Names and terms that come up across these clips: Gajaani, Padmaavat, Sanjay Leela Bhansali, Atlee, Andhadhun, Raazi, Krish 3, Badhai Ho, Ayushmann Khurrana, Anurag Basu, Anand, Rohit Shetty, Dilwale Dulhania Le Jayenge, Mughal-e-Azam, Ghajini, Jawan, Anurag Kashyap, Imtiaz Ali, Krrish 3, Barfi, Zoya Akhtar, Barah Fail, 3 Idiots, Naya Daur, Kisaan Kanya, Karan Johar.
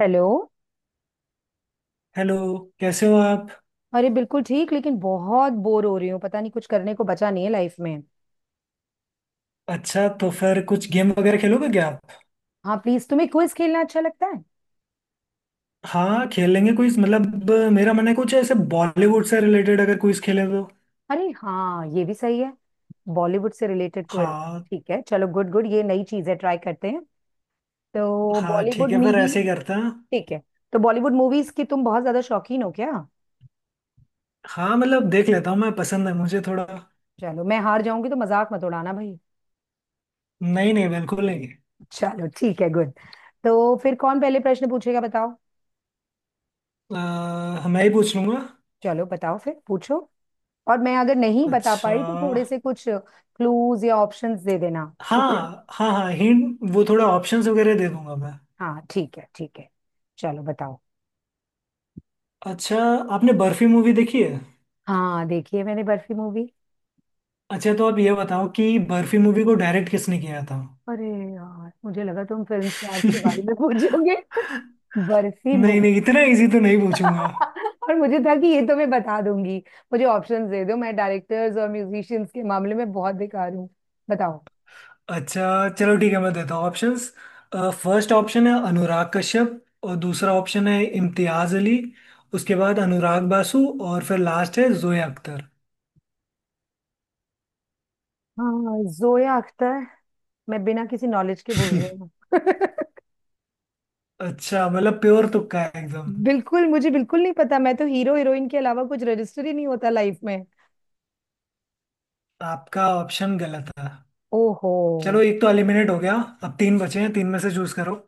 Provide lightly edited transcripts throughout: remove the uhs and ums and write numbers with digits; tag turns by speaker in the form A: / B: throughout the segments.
A: Hello.
B: Hello. कैसे हो आप।
A: अरे बिल्कुल ठीक, लेकिन बहुत बोर हो रही हूँ। पता नहीं, कुछ करने को बचा नहीं है लाइफ में।
B: अच्छा, तो फिर कुछ गेम वगैरह खेलोगे क्या आप।
A: हाँ प्लीज, तुम्हें क्विज खेलना अच्छा लगता है।
B: हाँ, खेलेंगे कुछ। मेरा मन है कुछ ऐसे बॉलीवुड से रिलेटेड अगर कुछ खेले तो।
A: अरे हाँ, ये भी सही है। बॉलीवुड से रिलेटेड क्विज।
B: हाँ,
A: ठीक है, चलो गुड गुड, ये नई चीज है, ट्राई करते हैं। तो
B: हाँ ठीक
A: बॉलीवुड
B: है, फिर
A: मूवी।
B: ऐसे ही करते हैं।
A: ठीक है। तो बॉलीवुड मूवीज की तुम बहुत ज्यादा शौकीन हो क्या।
B: हाँ मतलब, देख लेता हूँ मैं, पसंद है मुझे थोड़ा।
A: चलो, मैं हार जाऊंगी तो मजाक मत उड़ाना भाई।
B: नहीं नहीं, बिल्कुल नहीं।
A: चलो ठीक है, गुड। तो फिर कौन पहले प्रश्न पूछेगा बताओ।
B: मैं ही पूछ लूंगा।
A: चलो बताओ, फिर पूछो। और मैं अगर नहीं बता
B: अच्छा।
A: पाई तो थोड़े से कुछ क्लूज या ऑप्शंस दे देना। ठीक है।
B: हाँ हाँ हाँ, हिंट वो थोड़ा ऑप्शंस वगैरह दे दूंगा मैं।
A: हाँ ठीक है, ठीक है। चलो बताओ।
B: अच्छा। आपने बर्फी मूवी देखी है।
A: हाँ, देखी है मैंने बर्फी मूवी।
B: अच्छा, तो आप ये बताओ कि बर्फी मूवी को डायरेक्ट किसने किया था।
A: अरे यार, मुझे लगा तुम फिल्म स्टार्स के
B: नहीं।
A: बारे में पूछोगे। बर्फी मूवी।
B: नहीं इतना इजी तो नहीं पूछूंगा।
A: और मुझे था कि ये तो मैं बता दूंगी। मुझे ऑप्शंस दे दो, मैं डायरेक्टर्स और म्यूजिशियंस के मामले में बहुत बेकार हूँ। बताओ।
B: अच्छा चलो ठीक है, मैं देता हूँ ऑप्शंस। फर्स्ट ऑप्शन है अनुराग कश्यप और दूसरा ऑप्शन है इम्तियाज अली। उसके बाद अनुराग बासु। और फिर लास्ट है जोया अख्तर।
A: हाँ, जोया अख्तर। मैं बिना किसी नॉलेज के बोल रही हूँ।
B: अच्छा मतलब प्योर तुक्का है एकदम।
A: बिल्कुल, मुझे बिल्कुल नहीं पता। मैं तो हीरो हीरोइन के अलावा कुछ रजिस्टर ही नहीं होता लाइफ में।
B: आपका ऑप्शन गलत था।
A: ओहो।
B: चलो एक तो एलिमिनेट हो गया। अब तीन बचे हैं, तीन में से चूज करो।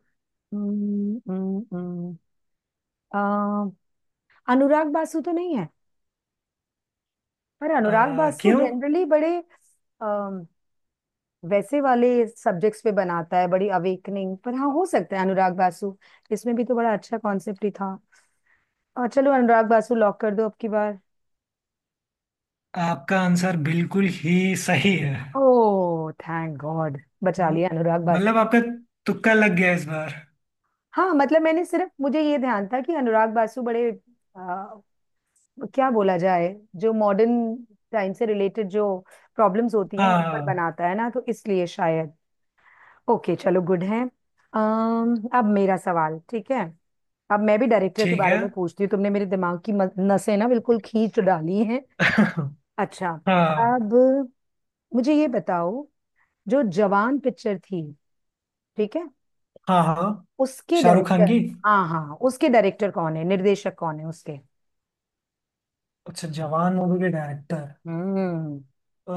A: हम्म, हम्म, हम्म। अम, अनुराग बासु तो नहीं है। पर अनुराग
B: अ,
A: बासु
B: क्यों।
A: जनरली बड़े अम, वैसे वाले सब्जेक्ट्स पे बनाता है, बड़ी अवेकनिंग पर। हाँ, हो सकता है अनुराग बासु। इसमें भी तो बड़ा अच्छा कॉन्सेप्ट ही था। और चलो अनुराग बासु लॉक कर दो अब की बार।
B: आपका आंसर बिल्कुल ही सही है।
A: ओह थैंक गॉड, बचा
B: म-
A: लिया अनुराग
B: मतलब
A: बासु।
B: आपका तुक्का लग गया इस बार।
A: हाँ मतलब मैंने सिर्फ, मुझे ये ध्यान था कि अनुराग बासु बड़े, क्या बोला जाए, जो मॉडर्न टाइम से रिलेटेड जो प्रॉब्लम्स होती हैं
B: हाँ,
A: उन पर
B: हाँ।
A: बनाता है ना, तो इसलिए शायद। ओके, चलो गुड है। अम्म, अब मेरा सवाल ठीक है। अब मैं भी डायरेक्टर के
B: ठीक
A: बारे
B: है।
A: में पूछती हूँ। तुमने मेरे दिमाग की नसें ना बिल्कुल खींच डाली हैं। अच्छा,
B: हाँ
A: अब मुझे ये बताओ, जो जवान पिक्चर थी, ठीक है,
B: हाँ हाँ
A: उसके
B: शाहरुख खान
A: डायरेक्टर।
B: की।
A: हाँ हाँ, उसके डायरेक्टर कौन है, निर्देशक कौन है उसके।
B: अच्छा, जवान मूवी के डायरेक्टर।
A: हम्म।
B: अ,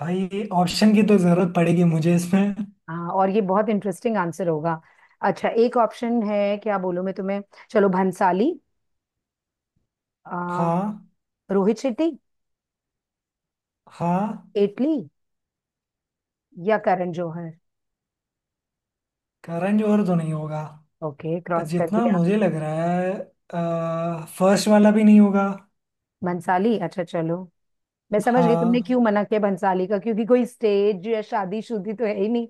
B: भाई ऑप्शन की तो जरूरत पड़ेगी मुझे इसमें।
A: हाँ, और ये बहुत इंटरेस्टिंग आंसर होगा। अच्छा, एक ऑप्शन है, क्या बोलूं मैं तुम्हें, चलो भंसाली, आ,
B: हाँ।
A: रोहित शेट्टी,
B: हाँ।
A: एटली, या करण जौहर।
B: करण जौहर तो नहीं होगा।
A: ओके, क्रॉस कर
B: जितना
A: दिया।
B: मुझे लग रहा है। फर्स्ट वाला भी नहीं होगा।
A: भंसाली, अच्छा चलो, मैं समझ गई तुमने
B: हाँ।
A: क्यों मना किया भंसाली का, क्योंकि कोई स्टेज या शादी शुदी तो है ही नहीं।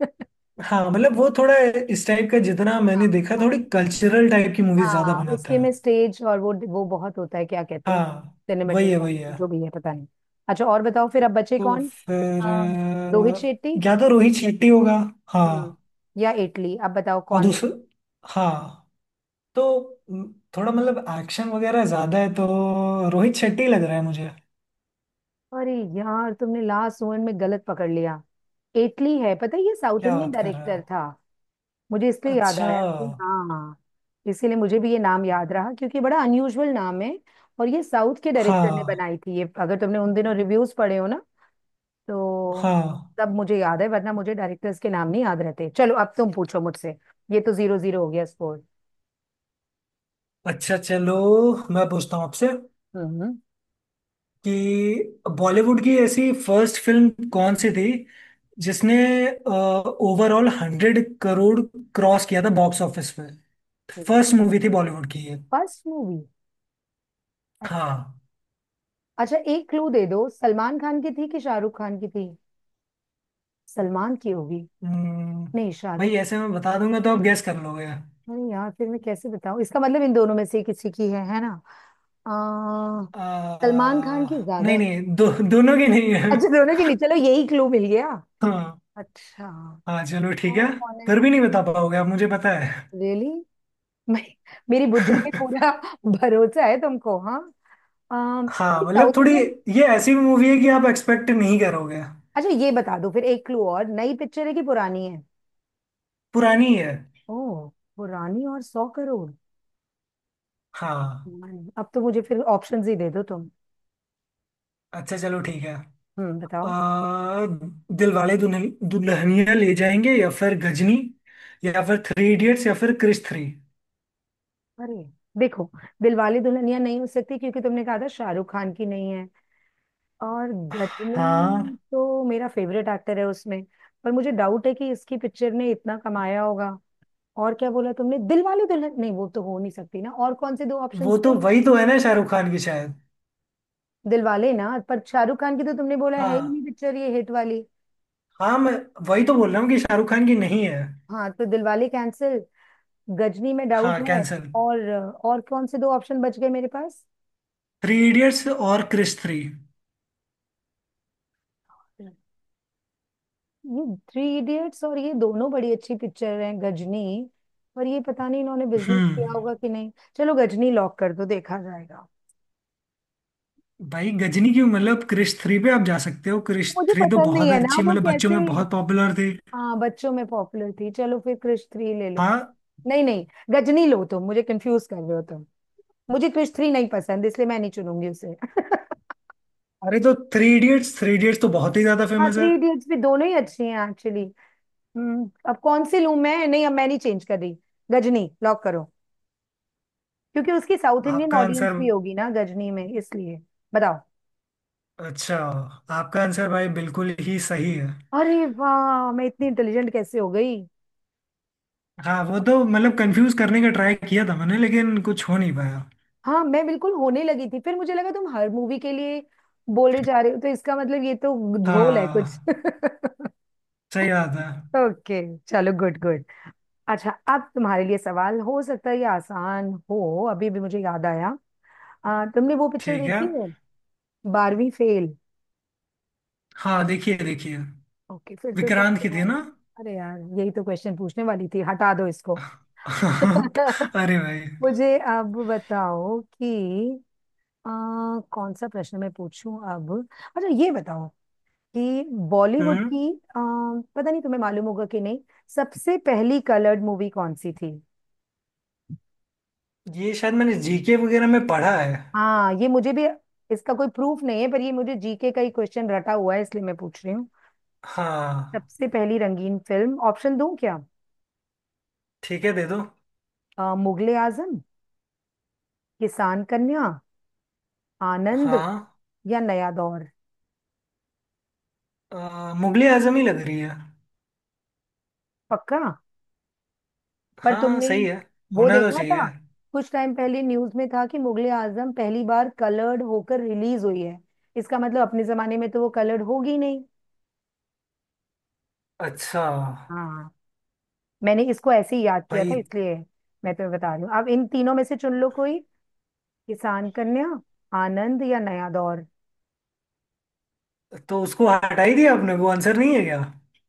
B: हाँ मतलब वो थोड़ा इस टाइप का, जितना
A: हाँ
B: मैंने देखा
A: हाँ।
B: थोड़ी कल्चरल टाइप की मूवीज ज्यादा
A: हाँ,
B: बनाता
A: उसके
B: है।
A: में स्टेज और वो बहुत होता है, क्या कहते हैं,
B: हाँ। वही है वही
A: सिनेमेटोग्राफी
B: है।
A: जो भी है पता नहीं। अच्छा, और बताओ फिर, अब बचे
B: तो
A: कौन।
B: फिर
A: आ, रोहित शेट्टी।
B: या तो रोहित शेट्टी होगा।
A: हम्म,
B: हाँ।
A: या इटली, अब बताओ
B: और
A: कौन।
B: दूसरा। हाँ तो थोड़ा मतलब एक्शन वगैरह ज्यादा है, तो रोहित शेट्टी लग रहा है मुझे।
A: अरे यार, तुमने लास्ट मोमेंट में गलत पकड़ लिया। इटली है, पता है, ये साउथ
B: क्या
A: इंडियन
B: बात कर रहे हो।
A: डायरेक्टर था। मुझे इसलिए याद
B: अच्छा।
A: आया कि हाँ, इसीलिए मुझे भी ये नाम याद रहा क्योंकि बड़ा अनयूजुअल नाम है। और ये साउथ के डायरेक्टर ने
B: हाँ।
A: बनाई थी ये। अगर तुमने उन दिनों रिव्यूज पढ़े हो ना, तो,
B: हाँ।
A: तब मुझे याद है, वरना मुझे डायरेक्टर्स के नाम नहीं याद रहते। चलो अब तुम पूछो मुझसे। ये तो जीरो जीरो हो गया स्कोर।
B: अच्छा चलो, मैं पूछता हूँ आपसे
A: हम्म।
B: कि बॉलीवुड की ऐसी फर्स्ट फिल्म कौन सी थी जिसने ओवरऑल हंड्रेड करोड़ क्रॉस किया था बॉक्स ऑफिस पे। फर्स्ट मूवी थी बॉलीवुड की ये।
A: First movie.
B: हाँ।
A: अच्छा एक क्लू दे दो, सलमान खान की थी कि शाहरुख खान की थी। सलमान की होगी।
B: हम्म।
A: नहीं, शाहरुख।
B: भाई ऐसे मैं बता दूंगा तो आप गैस कर लोगे।
A: नहीं यार, फिर मैं कैसे बताऊं, इसका मतलब इन दोनों में से किसी की है ना। आ, सलमान खान की ज्यादा
B: नहीं
A: है।
B: नहीं, दो, दोनों की नहीं है।
A: अच्छा, दोनों की नहीं, चलो यही क्लू मिल गया।
B: हाँ।
A: अच्छा,
B: हाँ चलो ठीक है।
A: और कौन है।
B: फिर भी नहीं बता पाओगे आप, मुझे पता है।
A: रियली। मैं, मेरी बुद्धि पे पूरा भरोसा है तुमको, हाँ।
B: हाँ
A: कोई
B: मतलब
A: साउथ
B: थोड़ी,
A: इंडियन।
B: ये ऐसी मूवी है कि आप एक्सपेक्ट नहीं करोगे।
A: अच्छा, ये बता दो फिर, एक क्लू और, नई पिक्चर है कि पुरानी है।
B: पुरानी है।
A: ओह, पुरानी और सौ करोड़।
B: हाँ।
A: अब तो मुझे फिर ऑप्शंस ही दे दो तुम।
B: अच्छा चलो ठीक है।
A: हम्म, बताओ।
B: आ, दिलवाले दुल्हन दुल्हनिया ले जाएंगे, या फिर गजनी, या फिर थ्री इडियट्स, या फिर क्रिश थ्री।
A: अरे, देखो, दिलवाले दुल्हनिया नहीं हो सकती, क्योंकि तुमने कहा था शाहरुख खान की नहीं है। और
B: हाँ
A: गजनी तो मेरा फेवरेट एक्टर है उसमें, पर मुझे डाउट है कि इसकी पिक्चर ने इतना कमाया होगा। और क्या बोला तुमने, दिलवाले दुल्हन नहीं, वो तो हो नहीं सकती ना, और कौन से दो
B: वो
A: ऑप्शंस
B: तो
A: थे।
B: वही तो है ना, शाहरुख खान की शायद।
A: दिलवाले ना, पर शाहरुख खान की तो तुमने बोला है ही
B: हाँ।
A: नहीं पिक्चर ये हिट वाली।
B: हाँ मैं वही तो बोल रहा हूँ कि शाहरुख खान की नहीं है।
A: हाँ तो दिलवाले कैंसिल, गजनी में डाउट
B: हाँ
A: है,
B: कैंसल।
A: और और कौन से दो ऑप्शन बच गए मेरे
B: थ्री इडियट्स और क्रिश थ्री।
A: पास। ये थ्री इडियट्स और ये दोनों बड़ी अच्छी पिक्चर हैं, गजनी, पर ये पता नहीं इन्होंने बिजनेस
B: हम्म।
A: किया होगा कि नहीं। चलो गजनी लॉक कर दो, देखा जाएगा।
B: भाई गजनी की मतलब, क्रिश थ्री पे आप जा सकते हो, क्रिश
A: मुझे
B: थ्री तो
A: पसंद नहीं
B: बहुत
A: है ना
B: अच्छी है,
A: वो,
B: मतलब बच्चों
A: कैसे।
B: में बहुत पॉपुलर थी।
A: हाँ बच्चों में पॉपुलर थी, चलो फिर क्रिश थ्री ले लो।
B: हाँ।
A: नहीं नहीं, गजनी लो, तुम मुझे कंफ्यूज कर रहे हो तुम। मुझे क्रिश थ्री नहीं पसंद, इसलिए मैं नहीं चुनूंगी उसे।
B: अरे तो थ्री इडियट्स, थ्री इडियट्स तो बहुत ही ज्यादा
A: हाँ
B: फेमस
A: थ्री
B: है।
A: इडियट्स भी, दोनों ही अच्छी हैं एक्चुअली। हम्म, अब कौन सी लूं मैं, नहीं अब मैं नहीं चेंज कर रही। गजनी लॉक करो, क्योंकि उसकी साउथ इंडियन
B: आपका आंसर।
A: ऑडियंस भी होगी ना गजनी में, इसलिए। बताओ।
B: अच्छा, आपका आंसर भाई बिल्कुल ही सही है।
A: अरे वाह, मैं इतनी इंटेलिजेंट कैसे हो गई।
B: हाँ वो तो मतलब कंफ्यूज करने का ट्राई किया था मैंने, लेकिन कुछ हो नहीं पाया।
A: हाँ मैं बिल्कुल होने लगी थी, फिर मुझे लगा तुम हर मूवी के लिए बोले जा रहे हो, तो इसका मतलब ये तो ढोल है कुछ।
B: हाँ। सही बात है।
A: ओके, चलो गुड गुड। अच्छा, अब तुम्हारे लिए सवाल, हो सकता है ये आसान हो, अभी भी मुझे याद आया। तुमने वो पिक्चर
B: ठीक है।
A: देखी है, बारहवीं फेल।
B: हाँ, देखिए देखिए।
A: ओके, फिर तो शायद
B: विक्रांत की थी
A: तुम्हारे।
B: ना।
A: अरे यार, यही तो क्वेश्चन पूछने वाली थी, हटा दो इसको।
B: अरे भाई।
A: मुझे अब बताओ कि अ, कौन सा प्रश्न मैं पूछूं अब। अच्छा ये बताओ कि बॉलीवुड
B: हम्म।
A: की, पता नहीं तुम्हें मालूम होगा कि नहीं, सबसे पहली कलर्ड मूवी कौन सी थी।
B: ये शायद मैंने जीके वगैरह में पढ़ा है।
A: हाँ, ये मुझे भी, इसका कोई प्रूफ नहीं है, पर ये मुझे जीके का ही क्वेश्चन रटा हुआ है, इसलिए मैं पूछ रही हूँ।
B: हाँ।
A: सबसे पहली रंगीन फिल्म, ऑप्शन दूं क्या।
B: ठीक है दे दो।
A: मुगले आजम, किसान कन्या, आनंद,
B: हाँ।
A: या नया दौर।
B: मुगले आजमी लग रही है।
A: पक्का। पर
B: हाँ
A: तुमने
B: सही है।
A: वो
B: होना तो
A: देखा
B: चाहिए।
A: था, कुछ टाइम पहले न्यूज में था कि मुगले आजम पहली बार कलर्ड होकर रिलीज हुई है। इसका मतलब अपने जमाने में तो वो कलर्ड होगी नहीं।
B: अच्छा।
A: हाँ मैंने इसको ऐसे ही याद किया
B: भाई,
A: था इसलिए। मैं तुम्हें बता रही हूँ अब, इन तीनों में से चुन लो कोई, किसान कन्या, आनंद या नया दौर।
B: तो उसको हटा ही दिया आपने, वो आंसर नहीं है क्या।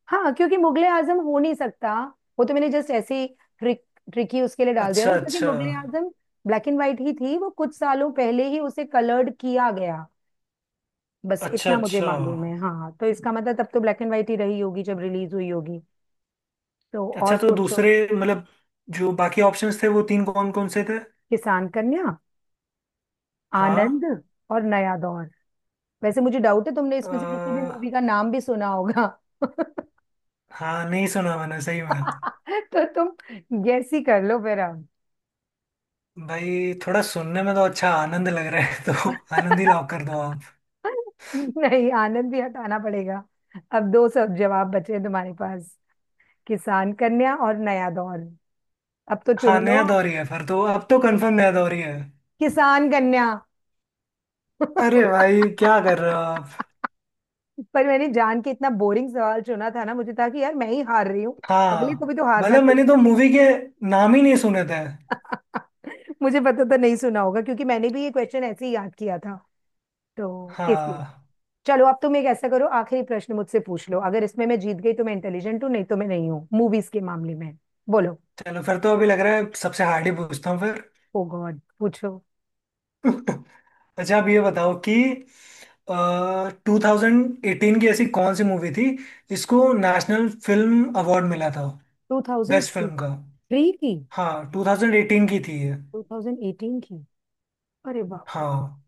A: हाँ, क्योंकि मुगले आजम हो नहीं सकता। वो तो मैंने जस्ट ऐसे ही ट्रिक ट्रिकी उसके लिए डाल दिया था,
B: अच्छा
A: क्योंकि
B: अच्छा।
A: Mughal-e Azam black and white ही थी वो, कुछ सालों पहले ही उसे कलर्ड किया गया। बस
B: अच्छा
A: इतना मुझे
B: अच्छा।
A: मालूम है, हाँ, तो इसका मतलब तब तो ब्लैक एंड व्हाइट ही रही होगी जब रिलीज हुई होगी। तो और
B: अच्छा, तो
A: सोचो,
B: दूसरे मतलब जो बाकी ऑप्शंस थे वो तीन कौन कौन से थे।
A: किसान कन्या,
B: हाँ।
A: आनंद और नया दौर। वैसे मुझे डाउट है तुमने इसमें से किसी भी
B: अ,
A: मूवी का नाम भी सुना होगा।
B: हाँ नहीं सुना मैंने सही में।
A: तो तुम गैस ही कर लो फिर अब।
B: भाई थोड़ा सुनने में तो अच्छा आनंद लग रहा है, तो आनंद ही लॉक कर दो आप।
A: नहीं, आनंद भी हटाना पड़ेगा। अब दो सब जवाब बचे हैं तुम्हारे पास, किसान कन्या और नया दौर, अब तो चुन
B: हाँ,
A: लो।
B: नया दौर ही है फिर तो, अब तो कंफर्म नया दौर ही है।
A: किसान कन्या।
B: अरे भाई क्या कर रहे हो आप।
A: पर मैंने जान के इतना बोरिंग सवाल चुना था ना, मुझे था कि यार मैं ही हार रही हूँ, अगले को
B: हाँ
A: भी तो हारना
B: मतलब मैंने
A: चाहिए
B: तो
A: कभी।
B: मूवी के नाम ही नहीं सुने थे।
A: मुझे पता, तो नहीं सुना होगा, क्योंकि मैंने भी ये क्वेश्चन ऐसे ही याद किया था तो, इसलिए।
B: हाँ
A: चलो, अब तुम एक ऐसा करो, आखिरी प्रश्न मुझसे पूछ लो, अगर इसमें मैं जीत गई तो मैं इंटेलिजेंट हूँ, नहीं तो मैं नहीं हूँ मूवीज के मामले में। बोलो।
B: चलो फिर, तो अभी लग रहा है सबसे हार्ड ही पूछता हूँ फिर।
A: ओ गॉड, पूछो।
B: अच्छा, आप ये बताओ कि टू थाउजेंड एटीन की ऐसी कौन सी मूवी थी जिसको नेशनल फिल्म अवार्ड मिला था, बेस्ट फिल्म का।
A: 2003 की।
B: हाँ, 2018 की थी ये।
A: 2018 की। अरे बाप रे।
B: हाँ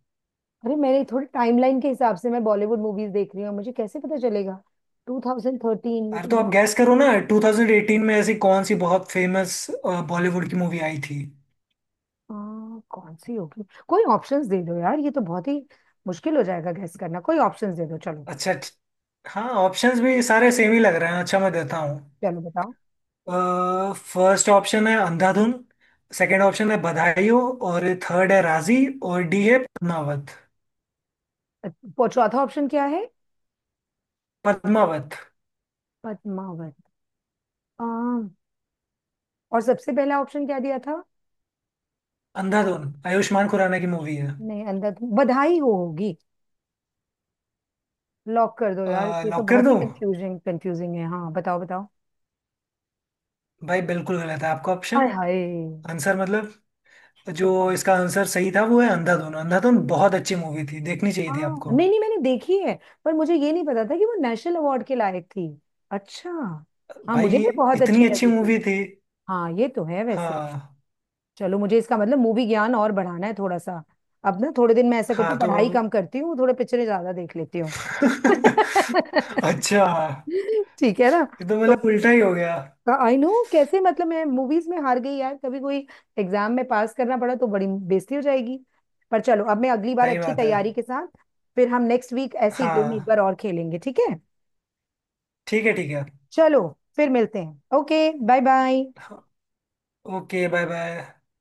A: अरे मैंने थोड़ी टाइमलाइन के हिसाब से मैं बॉलीवुड मूवीज देख रही हूँ, मुझे कैसे पता चलेगा 2013। ये
B: यार
A: तो
B: तो आप
A: बहुत,
B: गैस करो ना, 2018 में ऐसी कौन सी बहुत फेमस बॉलीवुड की मूवी आई थी।
A: आ, कौन सी होगी। कोई ऑप्शंस दे दो यार, ये तो बहुत ही मुश्किल हो जाएगा गैस करना, कोई ऑप्शंस दे दो चलो।
B: अच्छा हाँ ऑप्शंस भी सारे सेम ही लग रहे हैं, अच्छा मैं देता हूँ।
A: चलो बताओ।
B: फर्स्ट ऑप्शन है अंधाधुन। सेकंड ऑप्शन है बधाई हो। और थर्ड है राजी। और डी है पद्मावत।
A: अच्छा, चौथा ऑप्शन क्या है।
B: पद्मावत।
A: पद्मावत। आ, और सबसे पहला ऑप्शन क्या दिया था। आ,
B: अंधाधुन। आयुष्मान खुराना की मूवी है।
A: नहीं, अंदर तो बधाई हो होगी। लॉक कर दो यार, ये तो
B: लॉक कर
A: बहुत ही
B: दूं।
A: कंफ्यूजिंग कंफ्यूजिंग है, हाँ बताओ बताओ।
B: भाई बिल्कुल गलत है आपका ऑप्शन।
A: हाय हाय।
B: आंसर मतलब,
A: तो
B: जो
A: कौन।
B: इसका आंसर सही था वो है अंधाधुन। अंधाधुन बहुत अच्छी मूवी थी, देखनी चाहिए थी
A: हाँ,
B: आपको।
A: नहीं नहीं मैंने देखी है, पर मुझे ये नहीं पता था कि वो नेशनल अवार्ड के लायक थी। अच्छा। हाँ मुझे
B: भाई
A: भी बहुत अच्छी
B: इतनी अच्छी
A: लगी थी।
B: मूवी थी।
A: हाँ ये तो है वैसे।
B: हाँ।
A: चलो, मुझे इसका मतलब मूवी ज्ञान और बढ़ाना है थोड़ा सा। अब ना थोड़े दिन मैं ऐसा करती
B: हाँ
A: हूँ,
B: तो
A: पढ़ाई कम करती हूँ, थोड़े पिक्चरें ज्यादा देख लेती हूँ।
B: अब। अच्छा,
A: ठीक है ना।
B: ये तो
A: तो
B: मतलब उल्टा ही हो गया।
A: आई नो, कैसे मतलब मैं मूवीज में हार गई यार, कभी कोई एग्जाम में पास करना पड़ा तो बड़ी बेइज्जती हो जाएगी। पर चलो, अब मैं अगली बार
B: सही
A: अच्छी
B: बात
A: तैयारी
B: है।
A: के साथ, फिर हम नेक्स्ट वीक ऐसी गेम एक बार
B: हाँ
A: और खेलेंगे, ठीक है।
B: ठीक है, ठीक है।
A: चलो फिर मिलते हैं, ओके बाय बाय।
B: हाँ, ओके बाय बाय।